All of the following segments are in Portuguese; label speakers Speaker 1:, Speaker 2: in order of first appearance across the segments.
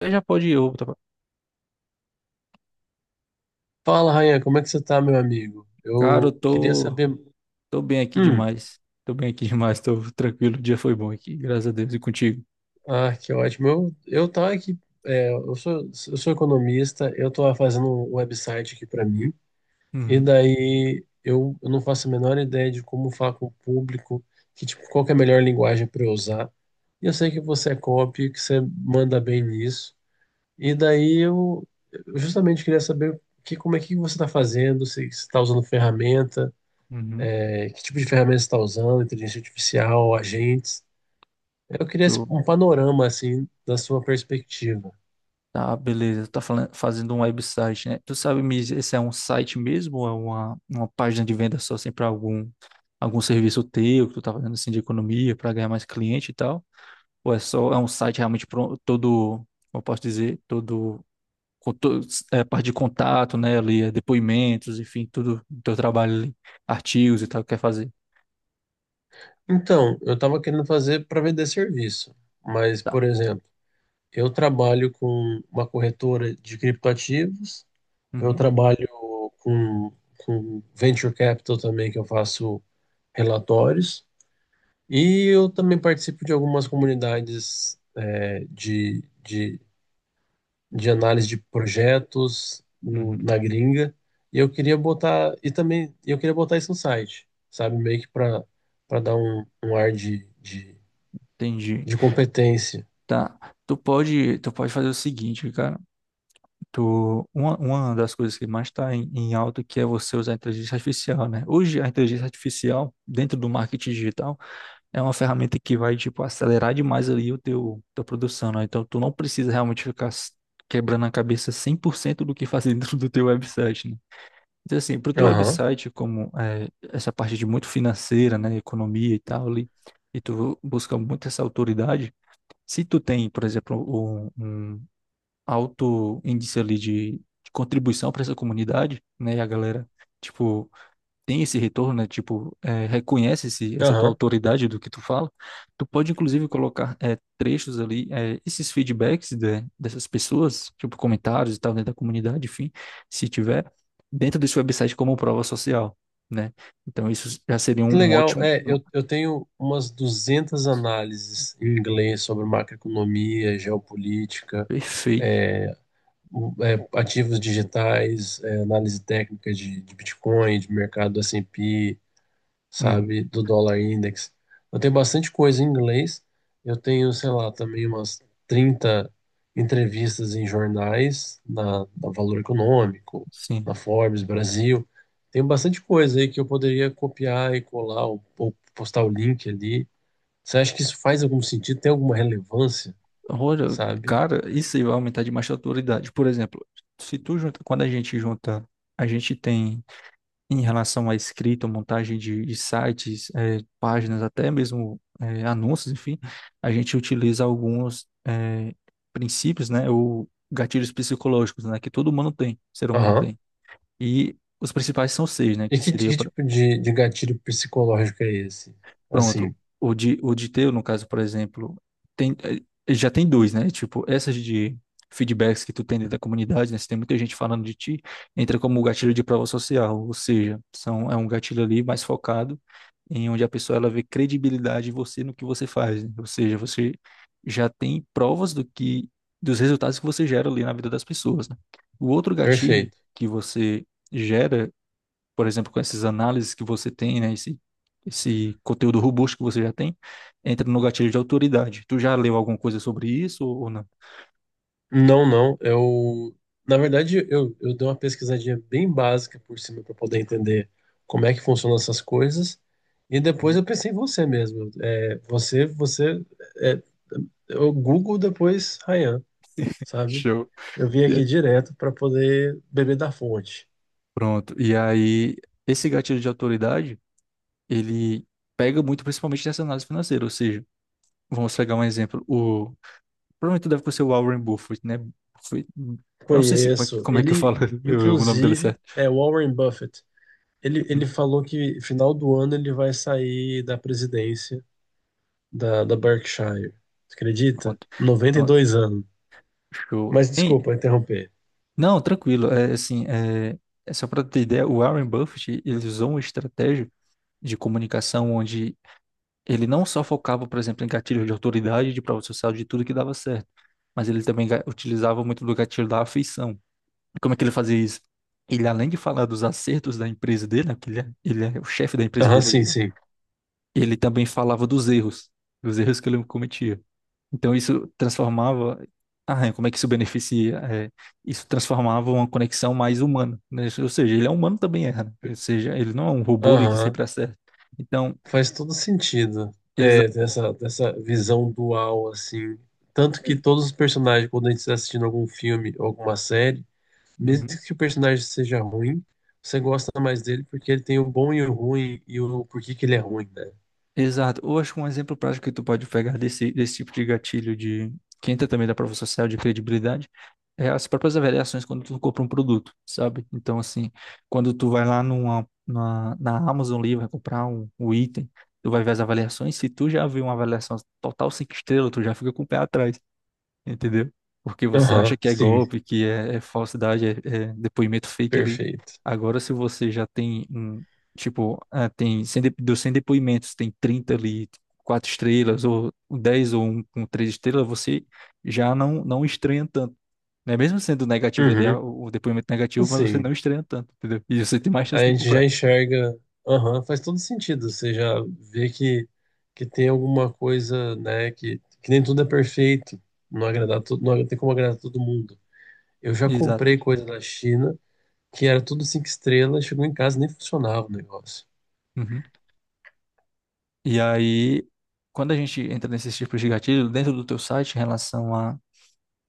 Speaker 1: Você já pode ir, eu, tá?
Speaker 2: Fala, Rayan, como é que você tá, meu amigo?
Speaker 1: Cara, eu
Speaker 2: Eu queria
Speaker 1: tô,
Speaker 2: saber.
Speaker 1: tô bem aqui
Speaker 2: Hum,
Speaker 1: demais. Tô bem aqui demais, tô tranquilo. O dia foi bom aqui, graças a Deus, e contigo.
Speaker 2: ah, que ótimo. Eu tava aqui, eu sou economista, eu tô fazendo um website aqui para mim, e
Speaker 1: Uhum,
Speaker 2: daí eu não faço a menor ideia de como falar com o público, que, tipo, qual que é a melhor linguagem para eu usar. E eu sei que você é copy, que você manda bem nisso, e daí eu justamente queria saber que, como é que você tá fazendo, se você tá usando ferramenta.
Speaker 1: uhum.
Speaker 2: É, que tipo de ferramenta está usando, inteligência artificial, agentes? Eu queria
Speaker 1: Show.
Speaker 2: um panorama, assim, da sua perspectiva.
Speaker 1: Tá, beleza. Tu tá falando, fazendo um website, né? Tu sabe me dizer se é um site mesmo ou é uma página de venda só, assim, pra algum, algum serviço teu que tu tá fazendo, assim, de economia, pra ganhar mais cliente e tal? Ou é só, é um site realmente todo, como eu posso dizer, todo conto- é, parte de contato, né, ali, é, depoimentos, enfim, tudo do teu trabalho ali, artigos e tal, que quer fazer.
Speaker 2: Então, eu estava querendo fazer para vender serviço, mas,
Speaker 1: Tá.
Speaker 2: por exemplo, eu trabalho com uma corretora de criptoativos, eu
Speaker 1: Uhum,
Speaker 2: trabalho com, com venture capital também, que eu faço relatórios, e eu também participo de algumas comunidades é, de, de análise de projetos
Speaker 1: uhum,
Speaker 2: na gringa. E eu queria botar, e também eu queria botar isso no site, sabe? Meio que para para dar um ar
Speaker 1: entendi.
Speaker 2: de competência.
Speaker 1: Tá. Tu pode fazer o seguinte, cara. Uma das coisas que mais está em alta que é você usar a inteligência artificial, né? Hoje a inteligência artificial dentro do marketing digital é uma ferramenta que vai tipo acelerar demais ali o teu tua produção, né? Então tu não precisa realmente ficar quebrando a cabeça 100% do que fazer dentro do teu website, né? Então, assim, para o teu
Speaker 2: Aham,
Speaker 1: website, como essa parte de muito financeira, né, economia e tal, ali, e tu busca muito essa autoridade, se tu tem, por exemplo, um alto índice ali de contribuição para essa comunidade, né, e a galera, tipo, tem esse retorno, né? Tipo, é, reconhece essa tua
Speaker 2: aham.
Speaker 1: autoridade do que tu fala, tu pode inclusive colocar é, trechos ali, é, esses feedbacks dessas pessoas, tipo comentários e tal, dentro da comunidade, enfim, se tiver, dentro desse website como prova social, né? Então isso já seria um,
Speaker 2: Que
Speaker 1: um
Speaker 2: legal.
Speaker 1: ótimo,
Speaker 2: É, eu tenho umas 200 análises em inglês sobre macroeconomia, geopolítica,
Speaker 1: perfeito.
Speaker 2: é, ativos digitais, é, análise técnica de Bitcoin, de mercado S&P,
Speaker 1: Uhum.
Speaker 2: sabe, do dólar index. Eu tenho bastante coisa em inglês. Eu tenho, sei lá, também umas 30 entrevistas em jornais, na Valor Econômico,
Speaker 1: Sim.
Speaker 2: na Forbes Brasil. Tenho bastante coisa aí que eu poderia copiar e colar ou postar o link ali. Você acha que isso faz algum sentido? Tem alguma relevância,
Speaker 1: Olha,
Speaker 2: sabe?
Speaker 1: cara, isso aí vai aumentar demais a autoridade. Por exemplo, se tu junta, quando a gente junta, a gente tem em relação à escrita, montagem de sites, páginas, até mesmo anúncios, enfim, a gente utiliza alguns princípios, né, ou gatilhos psicológicos, né, que todo humano tem, ser humano
Speaker 2: Aham.
Speaker 1: tem. E os principais são seis, né,
Speaker 2: E
Speaker 1: que seria,
Speaker 2: que tipo de gatilho psicológico é esse?
Speaker 1: pronto,
Speaker 2: Assim,
Speaker 1: o de, teu, no caso, por exemplo, tem, já tem dois, né, tipo, essas de feedbacks que tu tem dentro da comunidade, né, se tem muita gente falando de ti, entra como gatilho de prova social, ou seja, são, é um gatilho ali mais focado em onde a pessoa ela vê credibilidade em você no que você faz, né? Ou seja, você já tem provas do que dos resultados que você gera ali na vida das pessoas, né? O outro gatilho
Speaker 2: perfeito.
Speaker 1: que você gera, por exemplo, com essas análises que você tem, né, esse conteúdo robusto que você já tem, entra no gatilho de autoridade. Tu já leu alguma coisa sobre isso ou não?
Speaker 2: Não, não. Na verdade, eu dei uma pesquisadinha bem básica por cima para poder entender como é que funcionam essas coisas. E depois eu pensei em você mesmo. É, você, é, eu Google depois Ryan, sabe?
Speaker 1: Show.
Speaker 2: Eu vim
Speaker 1: E-
Speaker 2: aqui direto para poder beber da fonte.
Speaker 1: Pronto. E aí, esse gatilho de autoridade, ele pega muito principalmente nessa análise financeira, ou seja, vamos pegar um exemplo, o provavelmente deve ser o Warren Buffett, né? Buffett. Eu não sei se,
Speaker 2: Conheço.
Speaker 1: como é que eu
Speaker 2: Ele,
Speaker 1: falo o nome dele
Speaker 2: inclusive,
Speaker 1: certo.
Speaker 2: é Warren Buffett. Ele,
Speaker 1: Uhum.
Speaker 2: ele falou que final do ano ele vai sair da presidência da Berkshire. Você acredita?
Speaker 1: Pronto,
Speaker 2: noventa e
Speaker 1: pronto,
Speaker 2: dois anos.
Speaker 1: show.
Speaker 2: Mas desculpa interromper.
Speaker 1: Não, tranquilo. É, assim, é só para ter ideia, o Warren Buffett, ele usou uma estratégia de comunicação onde ele não só focava, por exemplo, em gatilhos de autoridade, de prova social, de tudo que dava certo, mas ele também utilizava muito do gatilho da afeição. Como é que ele fazia isso? Ele, além de falar dos acertos da empresa dele, né, porque ele é o chefe da empresa
Speaker 2: Aham,
Speaker 1: dele
Speaker 2: sim,
Speaker 1: ali,
Speaker 2: sim.
Speaker 1: ele também falava dos erros, que ele cometia. Então isso transformava, é, como é que isso beneficia? É, isso transformava uma conexão mais humana, né? Ou seja, ele é humano também erra, né? Ou seja, ele não é um robô ali que
Speaker 2: Aham,
Speaker 1: sempre acerta. Então,
Speaker 2: faz todo sentido.
Speaker 1: exato.
Speaker 2: É, dessa visão dual, assim. Tanto que todos os personagens, quando a gente está assistindo algum filme ou alguma série, mesmo que o personagem seja ruim, você gosta mais dele porque ele tem o bom e o ruim e o porquê que ele é ruim, né?
Speaker 1: Exato. Ou acho que um exemplo prático que tu pode pegar desse tipo de gatilho de que entra também da prova social de credibilidade é as próprias avaliações quando tu compra um produto, sabe? Então, assim, quando tu vai lá na Amazon ali, vai comprar um, um item, tu vai ver as avaliações. Se tu já viu uma avaliação total cinco estrelas, tu já fica com o pé atrás entendeu? Porque você
Speaker 2: Aham,
Speaker 1: acha que é
Speaker 2: sim,
Speaker 1: golpe, é falsidade, é depoimento fake ali.
Speaker 2: perfeito.
Speaker 1: Agora, se você já tem, um, tipo, ah, tem 100 dos 100 depoimentos, tem 30 ali, quatro estrelas, ou 10 ou um com três estrelas, você já não estranha tanto. Né? Mesmo sendo negativo ali,
Speaker 2: Uhum,
Speaker 1: o depoimento negativo, mas você
Speaker 2: sim.
Speaker 1: não estranha tanto, entendeu? E você tem mais
Speaker 2: A
Speaker 1: chance de
Speaker 2: gente já
Speaker 1: comprar.
Speaker 2: enxerga, aham, faz todo sentido. Você já vê que tem alguma coisa, né, que nem tudo é perfeito, não agradar
Speaker 1: Uhum.
Speaker 2: todo, não tem como agradar todo mundo. Eu já
Speaker 1: Exato.
Speaker 2: comprei coisa da China que era tudo cinco estrelas, chegou em casa e nem funcionava o negócio.
Speaker 1: Uhum. E aí, quando a gente entra nesses tipos de gatilho, dentro do teu site, em relação a,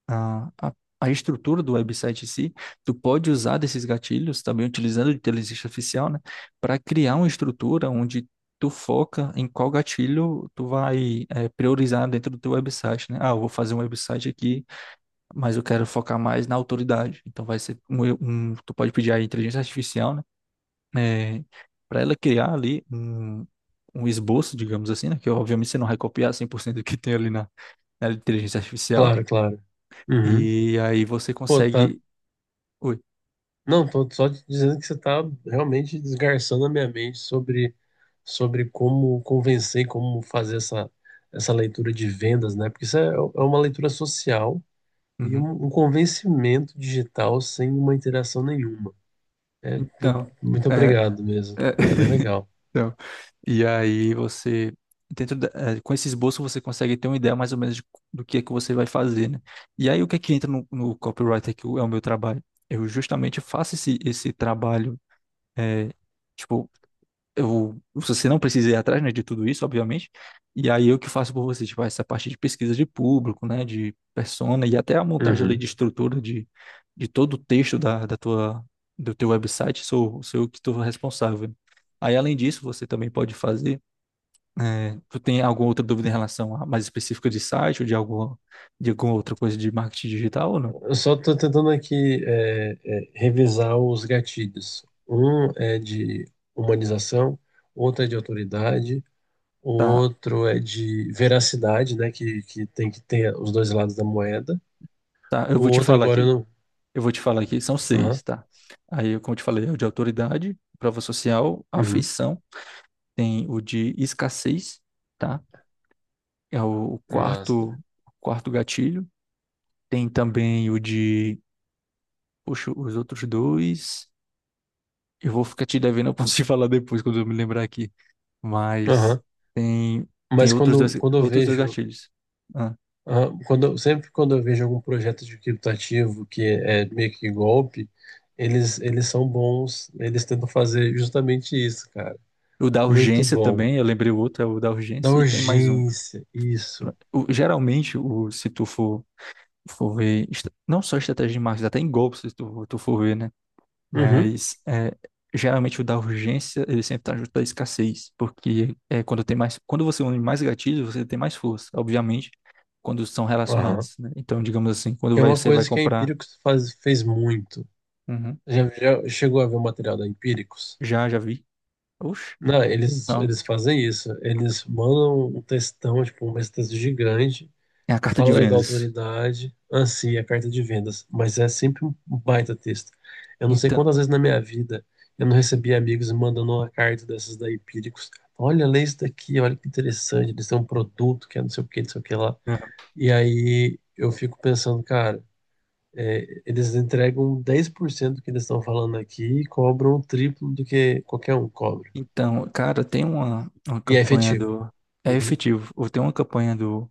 Speaker 1: a, a estrutura do website em si, tu pode usar desses gatilhos, também utilizando a inteligência artificial, né, para criar uma estrutura onde tu foca em qual gatilho tu vai priorizar dentro do teu website, né? Ah, eu vou fazer um website aqui, mas eu quero focar mais na autoridade. Então vai ser um, tu pode pedir a inteligência artificial, né, para ela criar ali um esboço, digamos assim, né? Que obviamente você não vai copiar 100% do que tem ali na inteligência artificial,
Speaker 2: Claro, claro. Uhum.
Speaker 1: e aí você
Speaker 2: Pô, tá.
Speaker 1: consegue Oi.
Speaker 2: Não, tô só te dizendo que você tá realmente desgarçando a minha mente sobre, sobre como convencer, como fazer essa, essa leitura de vendas, né? Porque isso é é uma leitura social e
Speaker 1: Uhum.
Speaker 2: um convencimento digital sem uma interação nenhuma. É,
Speaker 1: Então,
Speaker 2: muito
Speaker 1: é,
Speaker 2: obrigado mesmo.
Speaker 1: é,
Speaker 2: Tá bem legal.
Speaker 1: então, e aí você, dentro é, com esse esboço você consegue ter uma ideia mais ou menos de do que é que você vai fazer, né? E aí o que é que entra no copywriter que é o meu trabalho? Eu justamente faço esse trabalho, é, tipo, você não precisa ir atrás, né, de tudo isso, obviamente. E aí eu que faço por você, tipo, essa parte de pesquisa de público, né, de persona e até a montagem ali de
Speaker 2: Uhum.
Speaker 1: estrutura de todo o texto da tua, do teu website, sou eu que estou responsável. Aí, além disso, você também pode fazer. Eh, tu tem alguma outra dúvida em relação a mais específica de site ou de alguma, outra coisa de marketing digital ou não?
Speaker 2: Eu só tô tentando aqui é, revisar os gatilhos. Um é de humanização, outro é de autoridade, o
Speaker 1: Tá,
Speaker 2: outro é de veracidade, né? Que tem que ter os dois lados da moeda.
Speaker 1: tá, eu
Speaker 2: O
Speaker 1: vou te
Speaker 2: outro
Speaker 1: falar
Speaker 2: agora eu
Speaker 1: aqui.
Speaker 2: não.
Speaker 1: Eu vou te falar aqui, são
Speaker 2: Aham.
Speaker 1: seis, tá? Aí, como eu te falei, é o de autoridade, prova social,
Speaker 2: Uhum.
Speaker 1: afeição, tem o de escassez, tá? É
Speaker 2: Massa.
Speaker 1: o quarto gatilho. Tem também o de, poxa, os outros dois. Eu vou ficar te devendo, eu posso te falar depois quando eu me lembrar aqui. Mas
Speaker 2: Aham.
Speaker 1: tem, tem
Speaker 2: Mas
Speaker 1: outros dois,
Speaker 2: quando, quando eu vejo
Speaker 1: gatilhos. Ah,
Speaker 2: ah, quando, sempre quando eu vejo algum projeto de criptativo que é meio que golpe, eles são bons, eles tentam fazer justamente isso, cara.
Speaker 1: o da
Speaker 2: Muito
Speaker 1: urgência
Speaker 2: bom.
Speaker 1: também, eu lembrei o outro, é o da
Speaker 2: Da
Speaker 1: urgência, e tem mais um.
Speaker 2: urgência, isso.
Speaker 1: Geralmente, se tu for ver, não só estratégia de marketing, até em golpes, se tu for ver, né?
Speaker 2: Uhum.
Speaker 1: Mas é, geralmente o da urgência, ele sempre tá junto da escassez, porque é quando tem mais, quando você une mais gatilhos, você tem mais força, obviamente, quando são
Speaker 2: Aham.
Speaker 1: relacionados, né? Então, digamos assim, quando
Speaker 2: Que é uma
Speaker 1: você vai
Speaker 2: coisa que a
Speaker 1: comprar,
Speaker 2: Empíricos faz, fez muito.
Speaker 1: Uhum.
Speaker 2: Já, já chegou a ver o material da Empíricos?
Speaker 1: Já vi, oxe,
Speaker 2: Não, eles,
Speaker 1: não,
Speaker 2: eles fazem isso. Eles mandam um textão, tipo, um texto gigante.
Speaker 1: é a carta de
Speaker 2: Fala aí da
Speaker 1: vendas.
Speaker 2: autoridade, anseia a carta de vendas, mas é sempre um baita texto. Eu não sei
Speaker 1: Então,
Speaker 2: quantas vezes na minha vida eu não recebi amigos me mandando uma carta dessas da Empíricos. Olha, lê isso daqui, olha que interessante, eles têm um produto que é não sei o que, não sei o que lá.
Speaker 1: Uhum.
Speaker 2: E aí eu fico pensando, cara, é, eles entregam 10% do que eles estão falando aqui e cobram o triplo do que qualquer um cobra.
Speaker 1: então, cara, tem uma
Speaker 2: E é
Speaker 1: campanha
Speaker 2: efetivo.
Speaker 1: do, é
Speaker 2: Uhum.
Speaker 1: efetivo, ou tem uma campanha do,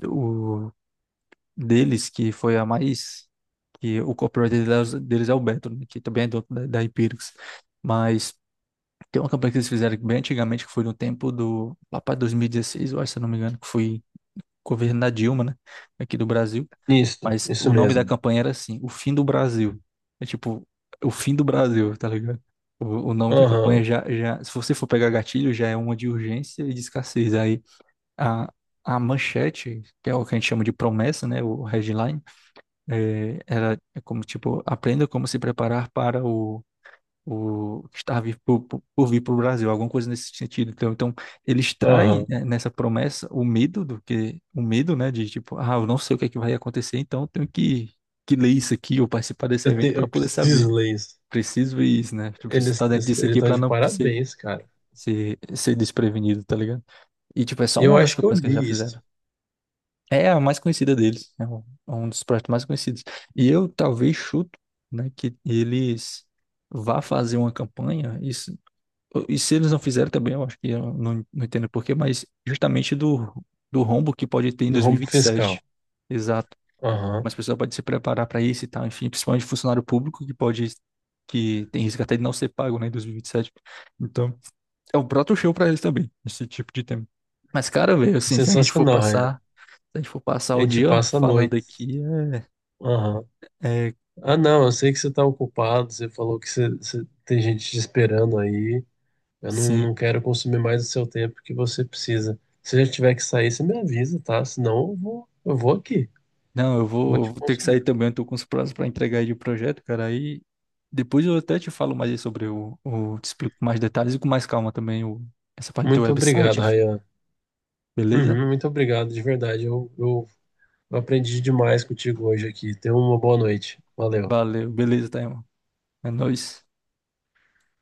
Speaker 1: do deles que foi a mais que o copywriter deles é o Beto, né, que também é do, da Hypixx. Mas tem uma campanha que eles fizeram bem antigamente, que foi no tempo do, lá para 2016, eu acho, se eu não me engano, que foi governo da Dilma, né, aqui do Brasil.
Speaker 2: Isso,
Speaker 1: Mas
Speaker 2: isso
Speaker 1: o nome da
Speaker 2: mesmo.
Speaker 1: campanha era assim, O Fim do Brasil. É tipo, o fim do Brasil, tá ligado? O nome da campanha
Speaker 2: Aham,
Speaker 1: já, se você for pegar gatilho, já é uma de urgência e de escassez. Aí a, a manchete, que é o que a gente chama de promessa, né, o headline, era é como, tipo, aprenda como se preparar para o que está vir por vir para o Brasil, alguma coisa nesse sentido. Então, ele extrai
Speaker 2: aham.
Speaker 1: né, nessa promessa o medo do que, o medo, né, de tipo, ah, eu não sei o que é que vai acontecer, então eu tenho que ler isso aqui ou participar desse
Speaker 2: Eu,
Speaker 1: evento para
Speaker 2: eu
Speaker 1: poder saber.
Speaker 2: preciso ler isso.
Speaker 1: Preciso ver isso, né? Tipo, preciso estar
Speaker 2: Eles
Speaker 1: dentro
Speaker 2: eles
Speaker 1: disso aqui
Speaker 2: estão
Speaker 1: para
Speaker 2: de
Speaker 1: não
Speaker 2: parabéns, cara.
Speaker 1: ser desprevenido, tá ligado? E, tipo, é só
Speaker 2: Eu
Speaker 1: uma das
Speaker 2: acho que eu
Speaker 1: campanhas que eles já
Speaker 2: li isso,
Speaker 1: fizeram. É a mais conhecida deles, é um dos projetos mais conhecidos. E eu talvez chuto, né, que eles vá fazer uma campanha, e se eles não fizeram também, eu acho que eu não entendo porquê, mas justamente do, rombo que pode ter em
Speaker 2: do rombo fiscal.
Speaker 1: 2027. Exato.
Speaker 2: Aham.
Speaker 1: Mas a pessoa pode se preparar para isso e tal, enfim, principalmente funcionário público que pode, que tem risco até de não ser pago, né, em 2027. Então, é o próprio show para eles também, esse tipo de tema. Mas, cara, velho, assim, se a gente for
Speaker 2: Sensacional, Rayan.
Speaker 1: passar se a gente for passar
Speaker 2: A
Speaker 1: o
Speaker 2: gente
Speaker 1: dia
Speaker 2: passa a
Speaker 1: falando
Speaker 2: noite.
Speaker 1: aqui,
Speaker 2: Aham.
Speaker 1: é, é,
Speaker 2: Ah, não, eu sei que você tá ocupado, você falou que tem gente te esperando aí. Eu não,
Speaker 1: sim.
Speaker 2: não quero consumir mais o seu tempo que você precisa. Se já tiver que sair, você me avisa, tá? Senão eu vou aqui,
Speaker 1: Não,
Speaker 2: vou
Speaker 1: eu
Speaker 2: te
Speaker 1: vou ter que sair
Speaker 2: consumindo.
Speaker 1: também, eu tô com os prazos para entregar aí de projeto, cara. Aí depois eu até te falo mais aí sobre te explico com mais detalhes e com mais calma também o, essa parte do teu
Speaker 2: Muito
Speaker 1: website,
Speaker 2: obrigado,
Speaker 1: enfim.
Speaker 2: Rayan.
Speaker 1: Beleza?
Speaker 2: Uhum, muito obrigado, de verdade. Eu aprendi demais contigo hoje aqui. Tenha uma boa noite. Valeu.
Speaker 1: Valeu, beleza, tá, irmão? É nóis.